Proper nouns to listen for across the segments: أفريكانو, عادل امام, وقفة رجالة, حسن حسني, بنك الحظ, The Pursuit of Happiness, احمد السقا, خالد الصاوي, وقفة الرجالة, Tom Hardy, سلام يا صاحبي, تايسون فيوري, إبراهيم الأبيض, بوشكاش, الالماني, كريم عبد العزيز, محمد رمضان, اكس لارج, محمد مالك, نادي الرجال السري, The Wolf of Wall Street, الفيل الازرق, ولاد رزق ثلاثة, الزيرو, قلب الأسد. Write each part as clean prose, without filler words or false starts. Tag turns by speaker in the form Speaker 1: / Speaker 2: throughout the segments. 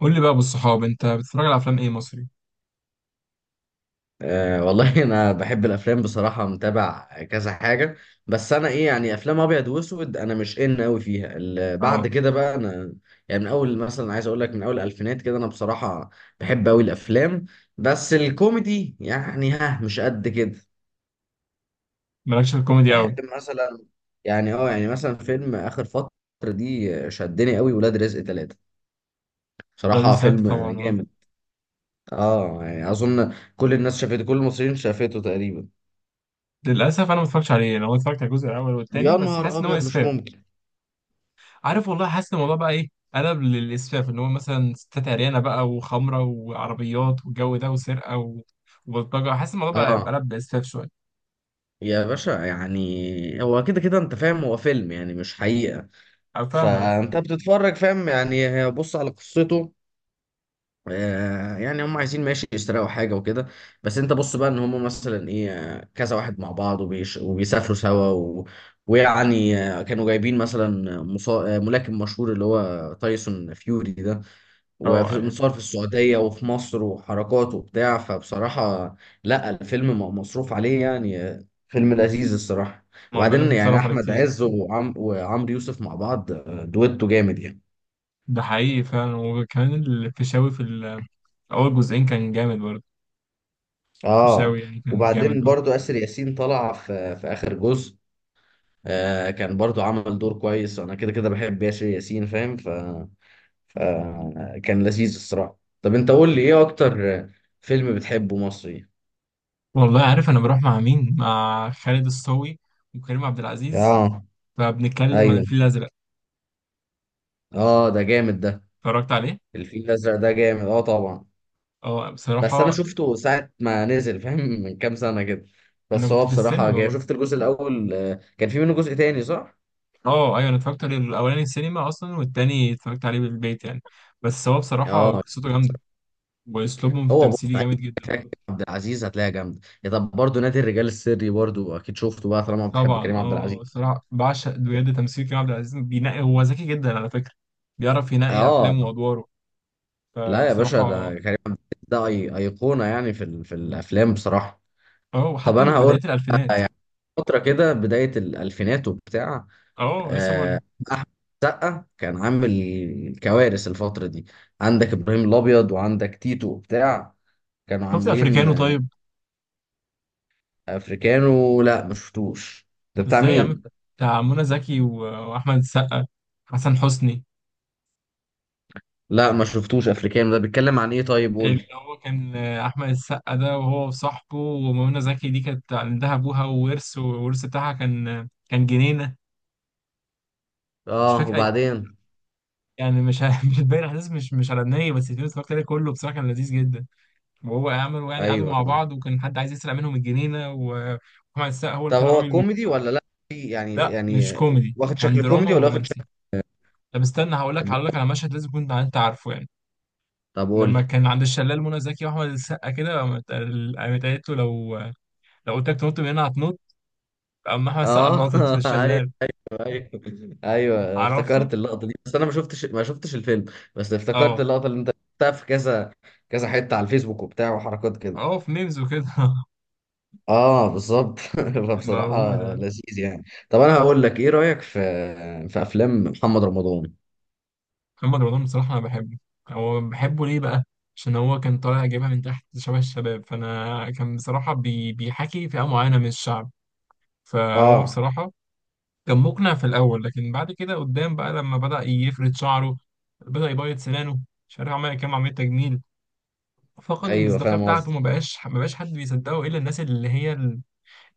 Speaker 1: قول لي بقى بالصحاب انت بتتفرج على افلام ايه مصري؟
Speaker 2: أه والله انا بحب الافلام، بصراحه متابع كذا حاجه. بس انا ايه يعني افلام ابيض واسود، انا مش ان قوي فيها بعد
Speaker 1: اه.
Speaker 2: كده بقى انا يعني من اول مثلا عايز اقول لك من اول الالفينات كده انا بصراحه بحب قوي الافلام، بس الكوميدي يعني مش قد كده.
Speaker 1: مالكش في الكوميدي
Speaker 2: بحب
Speaker 1: قوي؟
Speaker 2: مثلا، يعني مثلا فيلم اخر فتره دي شدني قوي، ولاد رزق ثلاثة،
Speaker 1: راجل
Speaker 2: بصراحه
Speaker 1: سات
Speaker 2: فيلم
Speaker 1: طبعا، اه.
Speaker 2: جامد. اه يعني اظن كل الناس شافته، كل المصريين شافته تقريبا.
Speaker 1: للاسف انا ما اتفرجتش عليه، انا هو اتفرجت على الجزء الاول والثاني
Speaker 2: يا
Speaker 1: بس،
Speaker 2: نهار
Speaker 1: حاسس ان هو
Speaker 2: ابيض، مش
Speaker 1: اسفاف.
Speaker 2: ممكن!
Speaker 1: عارف والله، حاسس ان الموضوع بقى ايه. قلب للاسفاف، ان هو مثلا ستات عريانه بقى وخمره وعربيات والجو ده وسرقه وبلطجه، حاسس الموضوع بقى
Speaker 2: اه.
Speaker 1: قلب لاسفاف شويه.
Speaker 2: يا باشا يعني هو كده كده انت فاهم، هو فيلم يعني مش حقيقة.
Speaker 1: انا فاهمك.
Speaker 2: فانت بتتفرج فاهم، يعني بص على قصته. يعني هم عايزين، ماشي، يسرقوا حاجة وكده. بس انت بص بقى ان هم مثلا ايه آه، كذا واحد مع بعض وبيسافروا سوا و. ويعني كانوا جايبين مثلا مصا... آه، ملاكم مشهور اللي هو تايسون فيوري ده،
Speaker 1: اه ايوه.
Speaker 2: ومتصور في السعودية وفي مصر وحركات وبتاع، فبصراحة لا، الفيلم مصروف عليه يعني. فيلم لذيذ الصراحة.
Speaker 1: ما هو بيقول لك
Speaker 2: وبعدين يعني
Speaker 1: اتصرف عليه
Speaker 2: أحمد
Speaker 1: كتير.
Speaker 2: عز وعمرو يوسف مع بعض، دويتو جامد يعني.
Speaker 1: ده حقيقي فعلا، وكمان الفيشاوي في اول جزئين كان جامد برضه،
Speaker 2: اه
Speaker 1: الفيشاوي يعني كان جامد
Speaker 2: وبعدين
Speaker 1: برضه.
Speaker 2: برضو آسر ياسين طلع في آخر جزء، آه كان برضو عمل دور كويس وأنا كده كده بحب آسر ياسين فاهم، فكان لذيذ الصراحة. طب أنت قول لي، إيه أكتر فيلم بتحبه مصري؟
Speaker 1: والله عارف، انا بروح مع مين؟ مع خالد الصاوي وكريم عبد العزيز،
Speaker 2: اه
Speaker 1: فبنتكلم عن
Speaker 2: ايوه.
Speaker 1: الفيل الازرق.
Speaker 2: اه ده جامد ده.
Speaker 1: اتفرجت عليه.
Speaker 2: الفيل الازرق ده جامد اه طبعا.
Speaker 1: اه
Speaker 2: بس انا
Speaker 1: بصراحه،
Speaker 2: شفته ساعه ما نزل فاهم من كام سنه كده.
Speaker 1: انا
Speaker 2: بس
Speaker 1: كنت
Speaker 2: هو
Speaker 1: في
Speaker 2: بصراحه
Speaker 1: السينما
Speaker 2: جاي
Speaker 1: برضه.
Speaker 2: شفت الجزء الاول، كان في منه جزء تاني صح؟
Speaker 1: اه ايوه، انا اتفرجت عليه الاولاني السينما اصلا، والتاني اتفرجت عليه بالبيت يعني، بس هو بصراحه
Speaker 2: اه.
Speaker 1: قصته جامده، واسلوبهم في
Speaker 2: هو بص،
Speaker 1: التمثيل
Speaker 2: أي
Speaker 1: جامد جدا
Speaker 2: فكرة
Speaker 1: برضه.
Speaker 2: عبد العزيز هتلاقيها جامده يا، طب برضه نادي الرجال السري برضه اكيد شفته بقى طالما بتحب
Speaker 1: طبعا
Speaker 2: كريم عبد
Speaker 1: اه،
Speaker 2: العزيز.
Speaker 1: بصراحه بعشق بجد تمثيل كريم عبد العزيز، بينقي، هو ذكي جدا على فكره، بيعرف ينقي
Speaker 2: اه
Speaker 1: افلامه وادواره،
Speaker 2: لا يا باشا،
Speaker 1: فبصراحه.
Speaker 2: ده كريم عبد العزيز ده ايقونه يعني في الافلام بصراحه.
Speaker 1: اه
Speaker 2: طب
Speaker 1: وحتى
Speaker 2: انا
Speaker 1: من
Speaker 2: هقول،
Speaker 1: بدايه الالفينات.
Speaker 2: فترة كده بداية الألفينات وبتاع،
Speaker 1: اه لسه بقول.
Speaker 2: آه، أحمد سقا كان عامل كوارث الفترة دي. عندك إبراهيم الأبيض وعندك تيتو وبتاع، كانوا
Speaker 1: شفت
Speaker 2: عاملين
Speaker 1: افريكانو؟ طيب،
Speaker 2: أفريكانو؟ لا ما شفتوش. ده بتاع
Speaker 1: ازاي يا عم،
Speaker 2: مين؟
Speaker 1: بتاع منى زكي واحمد السقا، حسن حسني.
Speaker 2: لا ما شفتوش أفريكانو، ده بيتكلم عن إيه طيب؟
Speaker 1: اللي
Speaker 2: قولي.
Speaker 1: هو كان احمد السقا ده، وهو وصاحبه، ومنى زكي دي كانت عندها ابوها وورث، والورث بتاعها كان جنينه. مش
Speaker 2: آه.
Speaker 1: فاكر اي،
Speaker 2: وبعدين؟
Speaker 1: يعني مش ه- مش هتبين احداث، مش على النهايه، بس الفيلم اتفرجت عليه كله بصراحه، كان لذيذ جدا، وهو عملوا يعني قعدوا
Speaker 2: أيوه.
Speaker 1: مع بعض، وكان حد عايز يسرق منهم الجنينه واحمد السقا هو اللي
Speaker 2: طب
Speaker 1: طلع
Speaker 2: هو
Speaker 1: راجل.
Speaker 2: كوميدي ولا لا؟ يعني
Speaker 1: لا مش
Speaker 2: يعني
Speaker 1: كوميدي،
Speaker 2: واخد
Speaker 1: كان
Speaker 2: شكل
Speaker 1: دراما
Speaker 2: كوميدي ولا واخد
Speaker 1: ورومانسي.
Speaker 2: شكل؟
Speaker 1: طب استنى، هقول لك على مشهد لازم كنت انت عارفه يعني.
Speaker 2: طب
Speaker 1: لما
Speaker 2: قولي.
Speaker 1: كان عند الشلال منى زكي واحمد السقا كده قامت قالت له، لو قلت لك تنط من هنا هتنط، قام احمد السقا
Speaker 2: آه
Speaker 1: نطت في
Speaker 2: أيوه،
Speaker 1: الشلال.
Speaker 2: ايوه، ايوه،
Speaker 1: عرفته؟
Speaker 2: افتكرت اللقطه دي، بس انا ما شفتش الفيلم. بس افتكرت
Speaker 1: اه.
Speaker 2: اللقطه اللي انت شفتها في كذا كذا حته على الفيسبوك وبتاع وحركات كده.
Speaker 1: اه في ميمز وكده
Speaker 2: اه بالظبط فبصراحه
Speaker 1: موجود.
Speaker 2: لذيذ يعني. طب انا هقول لك، ايه رايك في افلام محمد رمضان؟
Speaker 1: محمد رمضان بصراحة أنا بحبه. هو بحبه ليه بقى؟ عشان هو كان طالع جايبها من تحت شبه الشباب، فأنا كان بصراحة بيحكي فئة معينة من الشعب، فهو
Speaker 2: اه
Speaker 1: بصراحة كان مقنع في الأول، لكن بعد كده قدام بقى لما بدأ يفرد شعره، بدأ يبيض سنانه، مش عارف عمل كام عملية تجميل، فقد
Speaker 2: ايوه،
Speaker 1: المصداقيه
Speaker 2: فاهم
Speaker 1: بتاعته،
Speaker 2: قصدي.
Speaker 1: ما بقاش حد بيصدقه الا الناس اللي هي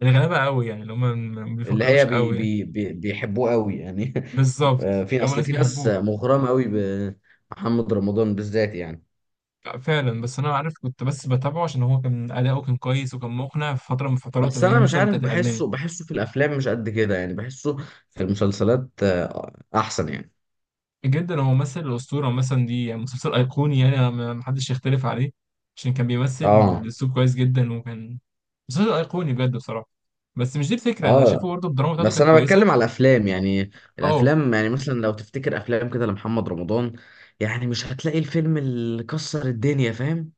Speaker 1: الغلابه قوي، يعني اللي هم ما
Speaker 2: اللي هي
Speaker 1: بيفكروش
Speaker 2: بي
Speaker 1: قوي يعني.
Speaker 2: بي بي بيحبوه قوي يعني.
Speaker 1: بالظبط،
Speaker 2: في
Speaker 1: اللي هم
Speaker 2: اصل
Speaker 1: ناس
Speaker 2: في ناس
Speaker 1: بيحبوه.
Speaker 2: مغرمه قوي بمحمد رمضان بالذات يعني.
Speaker 1: لا، فعلا بس انا عارف، كنت بس بتابعه عشان هو كان اداؤه كان كويس، وكان مقنع في فتره من الفترات،
Speaker 2: بس
Speaker 1: اللي هي
Speaker 2: انا مش
Speaker 1: مثلا
Speaker 2: عارف،
Speaker 1: بتاعت الالماني
Speaker 2: بحسه في الافلام مش قد كده يعني، بحسه في المسلسلات احسن يعني.
Speaker 1: جدا. هو ممثل الاسطوره مثلا دي يعني، مسلسل ايقوني يعني، أنا ما حدش يختلف عليه، عشان كان بيمثل
Speaker 2: اه،
Speaker 1: الاسلوب كويس جدا وكان، مسلسل ايقوني بجد بصراحه، بس مش دي الفكره، انا شايفه
Speaker 2: اه،
Speaker 1: برضه الدراما بتاعته
Speaker 2: بس
Speaker 1: كانت
Speaker 2: انا
Speaker 1: كويسه.
Speaker 2: بتكلم على الافلام يعني،
Speaker 1: اه،
Speaker 2: الافلام يعني مثلا لو تفتكر افلام كده لمحمد رمضان، يعني مش هتلاقي الفيلم اللي كسر الدنيا، فاهم.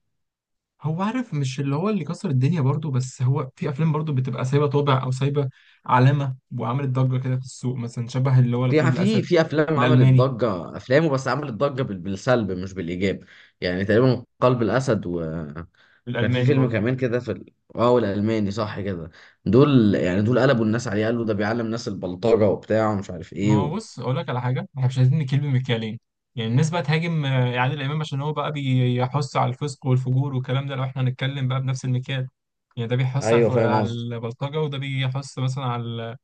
Speaker 1: هو عارف، مش اللي هو اللي كسر الدنيا برضو، بس هو في افلام برضو بتبقى سايبه طابع او سايبه علامه وعملت ضجه كده في السوق، مثلا شبه اللي هو
Speaker 2: في
Speaker 1: القلب
Speaker 2: في
Speaker 1: الاسد،
Speaker 2: في افلام عملت
Speaker 1: الالماني،
Speaker 2: ضجه افلامه، بس عملت ضجه بالسلب مش بالايجاب. يعني تقريبا قلب الاسد و. وكان في
Speaker 1: الالماني
Speaker 2: فيلم
Speaker 1: برضو.
Speaker 2: كمان كده في ال- اه والالماني صح كده. دول يعني دول قلبوا الناس عليه، قالوا ده بيعلم الناس البلطجه وبتاع ومش عارف ايه
Speaker 1: ما هو
Speaker 2: و.
Speaker 1: بص، اقول لك على حاجه، احنا مش عايزين نكيل بمكيالين، يعني الناس بقى تهاجم عادل امام عشان هو بقى بيحث على الفسق والفجور والكلام ده، لو احنا هنتكلم بقى بنفس المكيال، يعني ده بيحث على
Speaker 2: ايوه فاهم
Speaker 1: على
Speaker 2: قصدي.
Speaker 1: البلطجه، وده بيحث مثلا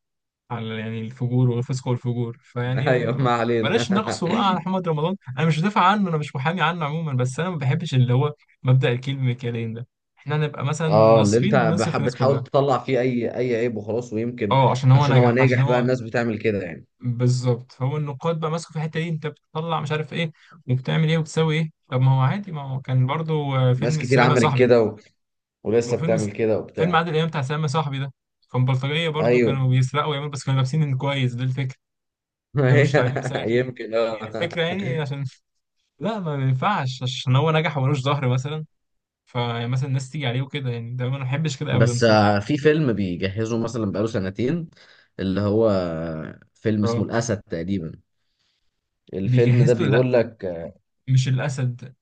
Speaker 1: على يعني الفجور والفسق والفجور،
Speaker 2: ايوه، ما علينا.
Speaker 1: بلاش نقصه بقى على محمد رمضان، انا مش بدافع عنه، انا مش محامي عنه عموما، بس انا ما بحبش اللي هو مبدأ الكيل بمكيالين ده، احنا نبقى مثلا
Speaker 2: اه، اللي انت
Speaker 1: ناصفين نصف الناس
Speaker 2: بتحاول
Speaker 1: كلها.
Speaker 2: تطلع فيه اي عيب وخلاص، ويمكن
Speaker 1: اه، عشان هو
Speaker 2: عشان هو
Speaker 1: نجح عشان
Speaker 2: ناجح بقى
Speaker 1: هو
Speaker 2: الناس بتعمل كده يعني.
Speaker 1: بالظبط، فهو النقاد بقى ماسكه في الحته دي، انت بتطلع مش عارف ايه وبتعمل ايه وبتسوي ايه، طب ما هو عادي، ما هو كان برضو
Speaker 2: ناس
Speaker 1: فيلم
Speaker 2: كتير
Speaker 1: السلام يا
Speaker 2: عملت
Speaker 1: صاحبي،
Speaker 2: كده، و... ولسه
Speaker 1: فيلم
Speaker 2: بتعمل كده
Speaker 1: فيلم
Speaker 2: وبتاع.
Speaker 1: عادل امام بتاع سلام يا صاحبي ده كان بلطجيه برضو،
Speaker 2: ايوه
Speaker 1: كانوا بيسرقوا ويعملوا، بس كانوا لابسين كويس، ده الفكره، احنا
Speaker 2: هي-
Speaker 1: مش طالعين بساخي، هي
Speaker 2: يمكن
Speaker 1: دي
Speaker 2: اه.
Speaker 1: الفكرة يعني، عشان لا ما ينفعش عشان هو نجح وملوش ظهر مثلا، فمثلا الناس تيجي عليه وكده يعني، ده ما بحبش كده ابدا
Speaker 2: بس
Speaker 1: بصراحة.
Speaker 2: في فيلم بيجهزه مثلا بقاله سنتين، اللي هو فيلم اسمه
Speaker 1: اه
Speaker 2: الأسد تقريبا. الفيلم ده
Speaker 1: بيجهز له لا،
Speaker 2: بيقول لك
Speaker 1: مش الاسد،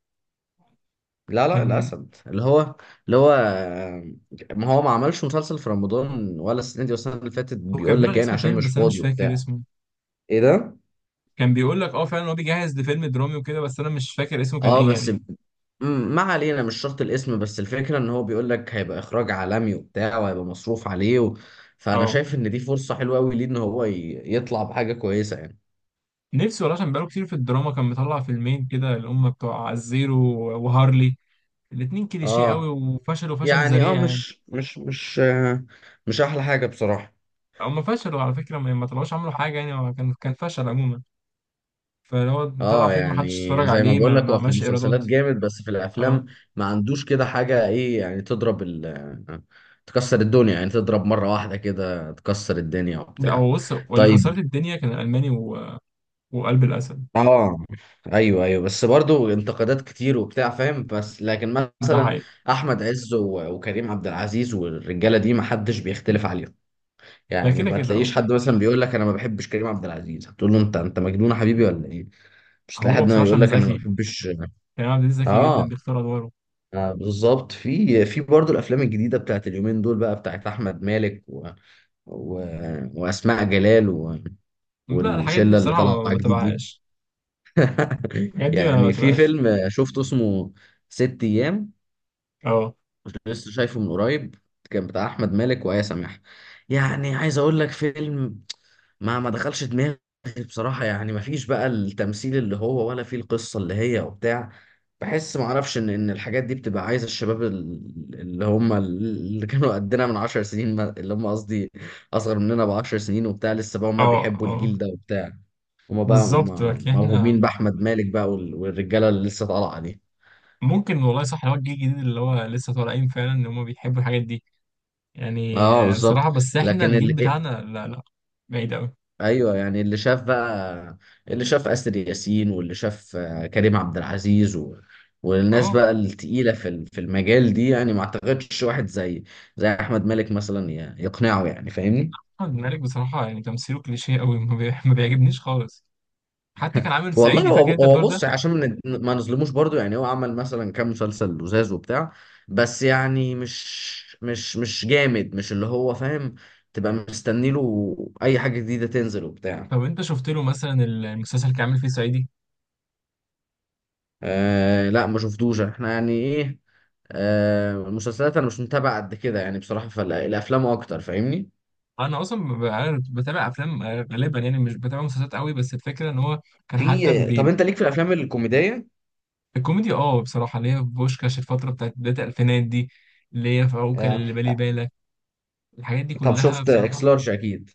Speaker 2: لا، لا،
Speaker 1: كان
Speaker 2: الأسد اللي هو، اللي هو ما هو ما عملش مسلسل في رمضان ولا السنة دي والسنة اللي فاتت،
Speaker 1: هو كان
Speaker 2: بيقول
Speaker 1: بيقول
Speaker 2: لك
Speaker 1: على
Speaker 2: يعني
Speaker 1: اسم
Speaker 2: عشان
Speaker 1: فيلم
Speaker 2: مش
Speaker 1: بس انا مش
Speaker 2: فاضي وبتاع.
Speaker 1: فاكر اسمه،
Speaker 2: ايه ده؟
Speaker 1: كان بيقول لك اه فعلا هو بيجهز لفيلم درامي وكده، بس انا مش فاكر اسمه كان
Speaker 2: اه
Speaker 1: ايه
Speaker 2: بس
Speaker 1: يعني.
Speaker 2: ما علينا، مش شرط الاسم، بس الفكرة ان هو بيقول لك هيبقى اخراج عالمي وبتاع وهيبقى مصروف عليه و. فانا
Speaker 1: اه،
Speaker 2: شايف ان دي فرصة حلوة قوي ليه، ان هو يطلع بحاجة كويسة يعني.
Speaker 1: نفسي والله، عشان بقاله كتير في الدراما، كان مطلع فيلمين كده اللي هم بتوع الزيرو وهارلي، الاتنين كليشيه قوي،
Speaker 2: اه
Speaker 1: وفشل وفشل
Speaker 2: يعني، اه،
Speaker 1: ذريع يعني،
Speaker 2: مش احلى حاجة بصراحة.
Speaker 1: هم فشلوا على فكرة، ما طلعوش عملوا حاجة، يعني هو كان فشل عموما، فهو طلع
Speaker 2: اه
Speaker 1: فيلم محدش
Speaker 2: يعني
Speaker 1: اتفرج
Speaker 2: زي ما
Speaker 1: عليه،
Speaker 2: بقول لك،
Speaker 1: ما
Speaker 2: هو في
Speaker 1: عملش
Speaker 2: المسلسلات
Speaker 1: إيرادات.
Speaker 2: جامد، بس في الافلام
Speaker 1: اه
Speaker 2: ما عندوش كده حاجة، ايه يعني تضرب تكسر الدنيا يعني، تضرب مرة واحدة كده تكسر الدنيا
Speaker 1: لا،
Speaker 2: وبتاع.
Speaker 1: هو بص، واللي
Speaker 2: طيب.
Speaker 1: كسرت الدنيا كان الألماني وقلب الأسد.
Speaker 2: اه ايوه، ايوه، بس برضو انتقادات كتير وبتاع فاهم، بس لكن
Speaker 1: ده
Speaker 2: مثلا
Speaker 1: حقيقي.
Speaker 2: احمد عز وكريم عبد العزيز والرجاله دي ما حدش بيختلف عليهم،
Speaker 1: ده
Speaker 2: يعني
Speaker 1: كده
Speaker 2: ما
Speaker 1: كده اه.
Speaker 2: تلاقيش حد مثلا بيقول لك انا ما بحبش كريم عبد العزيز، هتقول له انت مجنون يا حبيبي ولا ايه؟ مش هتلاقي
Speaker 1: هو
Speaker 2: حد
Speaker 1: بصراحة
Speaker 2: يقول
Speaker 1: عشان
Speaker 2: لك انا ما
Speaker 1: ذكي،
Speaker 2: بحبش.
Speaker 1: كريم عبد العزيز ذكي جدا
Speaker 2: اه.
Speaker 1: بيختار أدواره.
Speaker 2: بالظبط، في برضه الافلام الجديده بتاعت اليومين دول بقى، بتاعت احمد مالك و، و، واسماء جلال و،
Speaker 1: لا الحاجات دي
Speaker 2: والشله اللي
Speaker 1: بصراحة
Speaker 2: طالعه
Speaker 1: ما
Speaker 2: جديد دي.
Speaker 1: تبعهاش، الحاجات دي ما
Speaker 2: يعني في
Speaker 1: تبعهاش.
Speaker 2: فيلم شفته اسمه ست ايام،
Speaker 1: اه
Speaker 2: كنت لسه شايفه من قريب، كان بتاع احمد مالك وآية سماحة، يعني عايز اقول لك، فيلم ما دخلش دماغي بصراحة يعني، ما فيش بقى التمثيل اللي هو، ولا فيه القصة اللي هي وبتاع. بحس ما اعرفش ان الحاجات دي بتبقى عايزة الشباب اللي هم اللي كانوا قدنا من 10 سنين، اللي هم قصدي اصغر مننا ب10 سنين وبتاع، لسه بقى
Speaker 1: اه
Speaker 2: هم بيحبوا
Speaker 1: اه،
Speaker 2: الجيل ده وبتاع. هما بقى
Speaker 1: بالظبط لكن احنا
Speaker 2: موهومين بأحمد مالك بقى والرجالة اللي لسه طالعة دي.
Speaker 1: ممكن والله، صح اللي هو الجيل الجديد اللي هو لسه طالعين فعلا، ان هم بيحبوا الحاجات دي، يعني
Speaker 2: اه بالظبط،
Speaker 1: بصراحة بس احنا
Speaker 2: لكن
Speaker 1: الجيل بتاعنا لا لا، بعيد أوي.
Speaker 2: ايوه يعني، اللي شاف بقى، اللي شاف اسر ياسين واللي شاف كريم عبد العزيز و، والناس
Speaker 1: اه،
Speaker 2: بقى التقيله في المجال دي يعني، ما اعتقدش واحد زي احمد مالك مثلا يقنعه يعني، فاهمني.
Speaker 1: محمد مالك بصراحة يعني تمثيله كليشيه أوي، ما بيعجبنيش خالص، حتى كان عامل
Speaker 2: والله،
Speaker 1: صعيدي
Speaker 2: هو
Speaker 1: فاكر انت
Speaker 2: هو
Speaker 1: الدور ده؟
Speaker 2: بص عشان ما نظلموش برضو، يعني هو عمل مثلا كام مسلسل لزاز وبتاع، بس يعني مش جامد، مش اللي هو فاهم، تبقى مستني له اي حاجه جديده تنزل وبتاع.
Speaker 1: طب انت شفت له مثلا المسلسل اللي كان عامل فيه صعيدي؟
Speaker 2: آه لا ما شفتوش احنا يعني ايه، آه المسلسلات انا مش متابع قد كده يعني بصراحة، فالافلام اكتر فاهمني.
Speaker 1: انا اصلا ب- أنا بتابع افلام غالبا يعني، مش بتابع مسلسلات قوي، بس الفكره ان هو كان
Speaker 2: طب انت ليك في الافلام الكوميدية؟
Speaker 1: الكوميدي. اه بصراحه، اللي هي بوشكاش الفتره بتاعت بدايه الالفينات دي، اللي هي في عوكل
Speaker 2: آه.
Speaker 1: اللي بالي بالك، الحاجات دي
Speaker 2: طب
Speaker 1: كلها
Speaker 2: شفت اكس
Speaker 1: بصراحه.
Speaker 2: لارج اكيد؟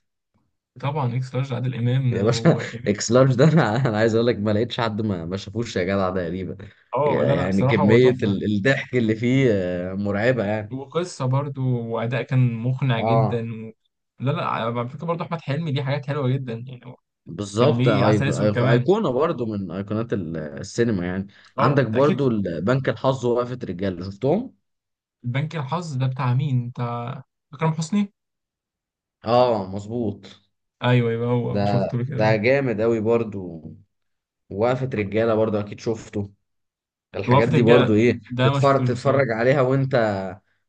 Speaker 1: طبعا، اكس لارج عادل امام
Speaker 2: يا باشا اكس لارج ده، أنا عايز اقول لك ما لقيتش حد ما شافوش يا جدع تقريبا.
Speaker 1: اه لا لا
Speaker 2: يعني
Speaker 1: بصراحه هو
Speaker 2: كمية
Speaker 1: تحفه،
Speaker 2: الضحك اللي فيه مرعبة يعني.
Speaker 1: وقصة برضو، وأداء كان مقنع جدا
Speaker 2: اه
Speaker 1: لا لا على فكرة برضو أحمد حلمي ليه حاجات حلوة جدا يعني، هو كان
Speaker 2: بالظبط،
Speaker 1: ليه عسل أسود كمان.
Speaker 2: ايقونة برضو من ايقونات السينما يعني.
Speaker 1: أه
Speaker 2: عندك
Speaker 1: أنت أكيد.
Speaker 2: برضو بنك الحظ ووقفة رجاله شفتهم.
Speaker 1: بنك الحظ ده بتاع مين؟ بتاع أكرم حسني؟
Speaker 2: اه مظبوط.
Speaker 1: أيوه أيوه، هو
Speaker 2: ده
Speaker 1: شفته له كده
Speaker 2: ده
Speaker 1: آه.
Speaker 2: جامد قوي برضو، وقفة رجالة برضو اكيد شفته.
Speaker 1: وقفة
Speaker 2: الحاجات دي
Speaker 1: الرجالة
Speaker 2: برضو ايه،
Speaker 1: ده ما
Speaker 2: تتفرج
Speaker 1: شفتوش بصراحة.
Speaker 2: تتفرج عليها، وانت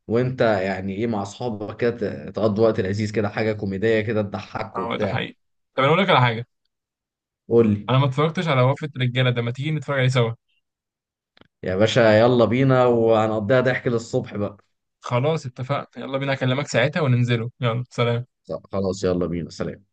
Speaker 2: وانت يعني ايه، مع اصحابك كده تقضي وقت لذيذ، كده حاجة كوميدية كده، تضحك
Speaker 1: أه ده
Speaker 2: وبتاع.
Speaker 1: حقيقي، طب أنا أقول لك على حاجة،
Speaker 2: قول لي.
Speaker 1: أنا ما اتفرجتش على وقفة الرجالة ده، ما تيجي نتفرج عليه سوا.
Speaker 2: يا باشا يلا بينا، وهنقضيها ضحك للصبح بقى.
Speaker 1: خلاص اتفقنا، يلا بينا، أكلمك ساعتها وننزله، يلا سلام.
Speaker 2: خلاص، يلا بينا، سلام.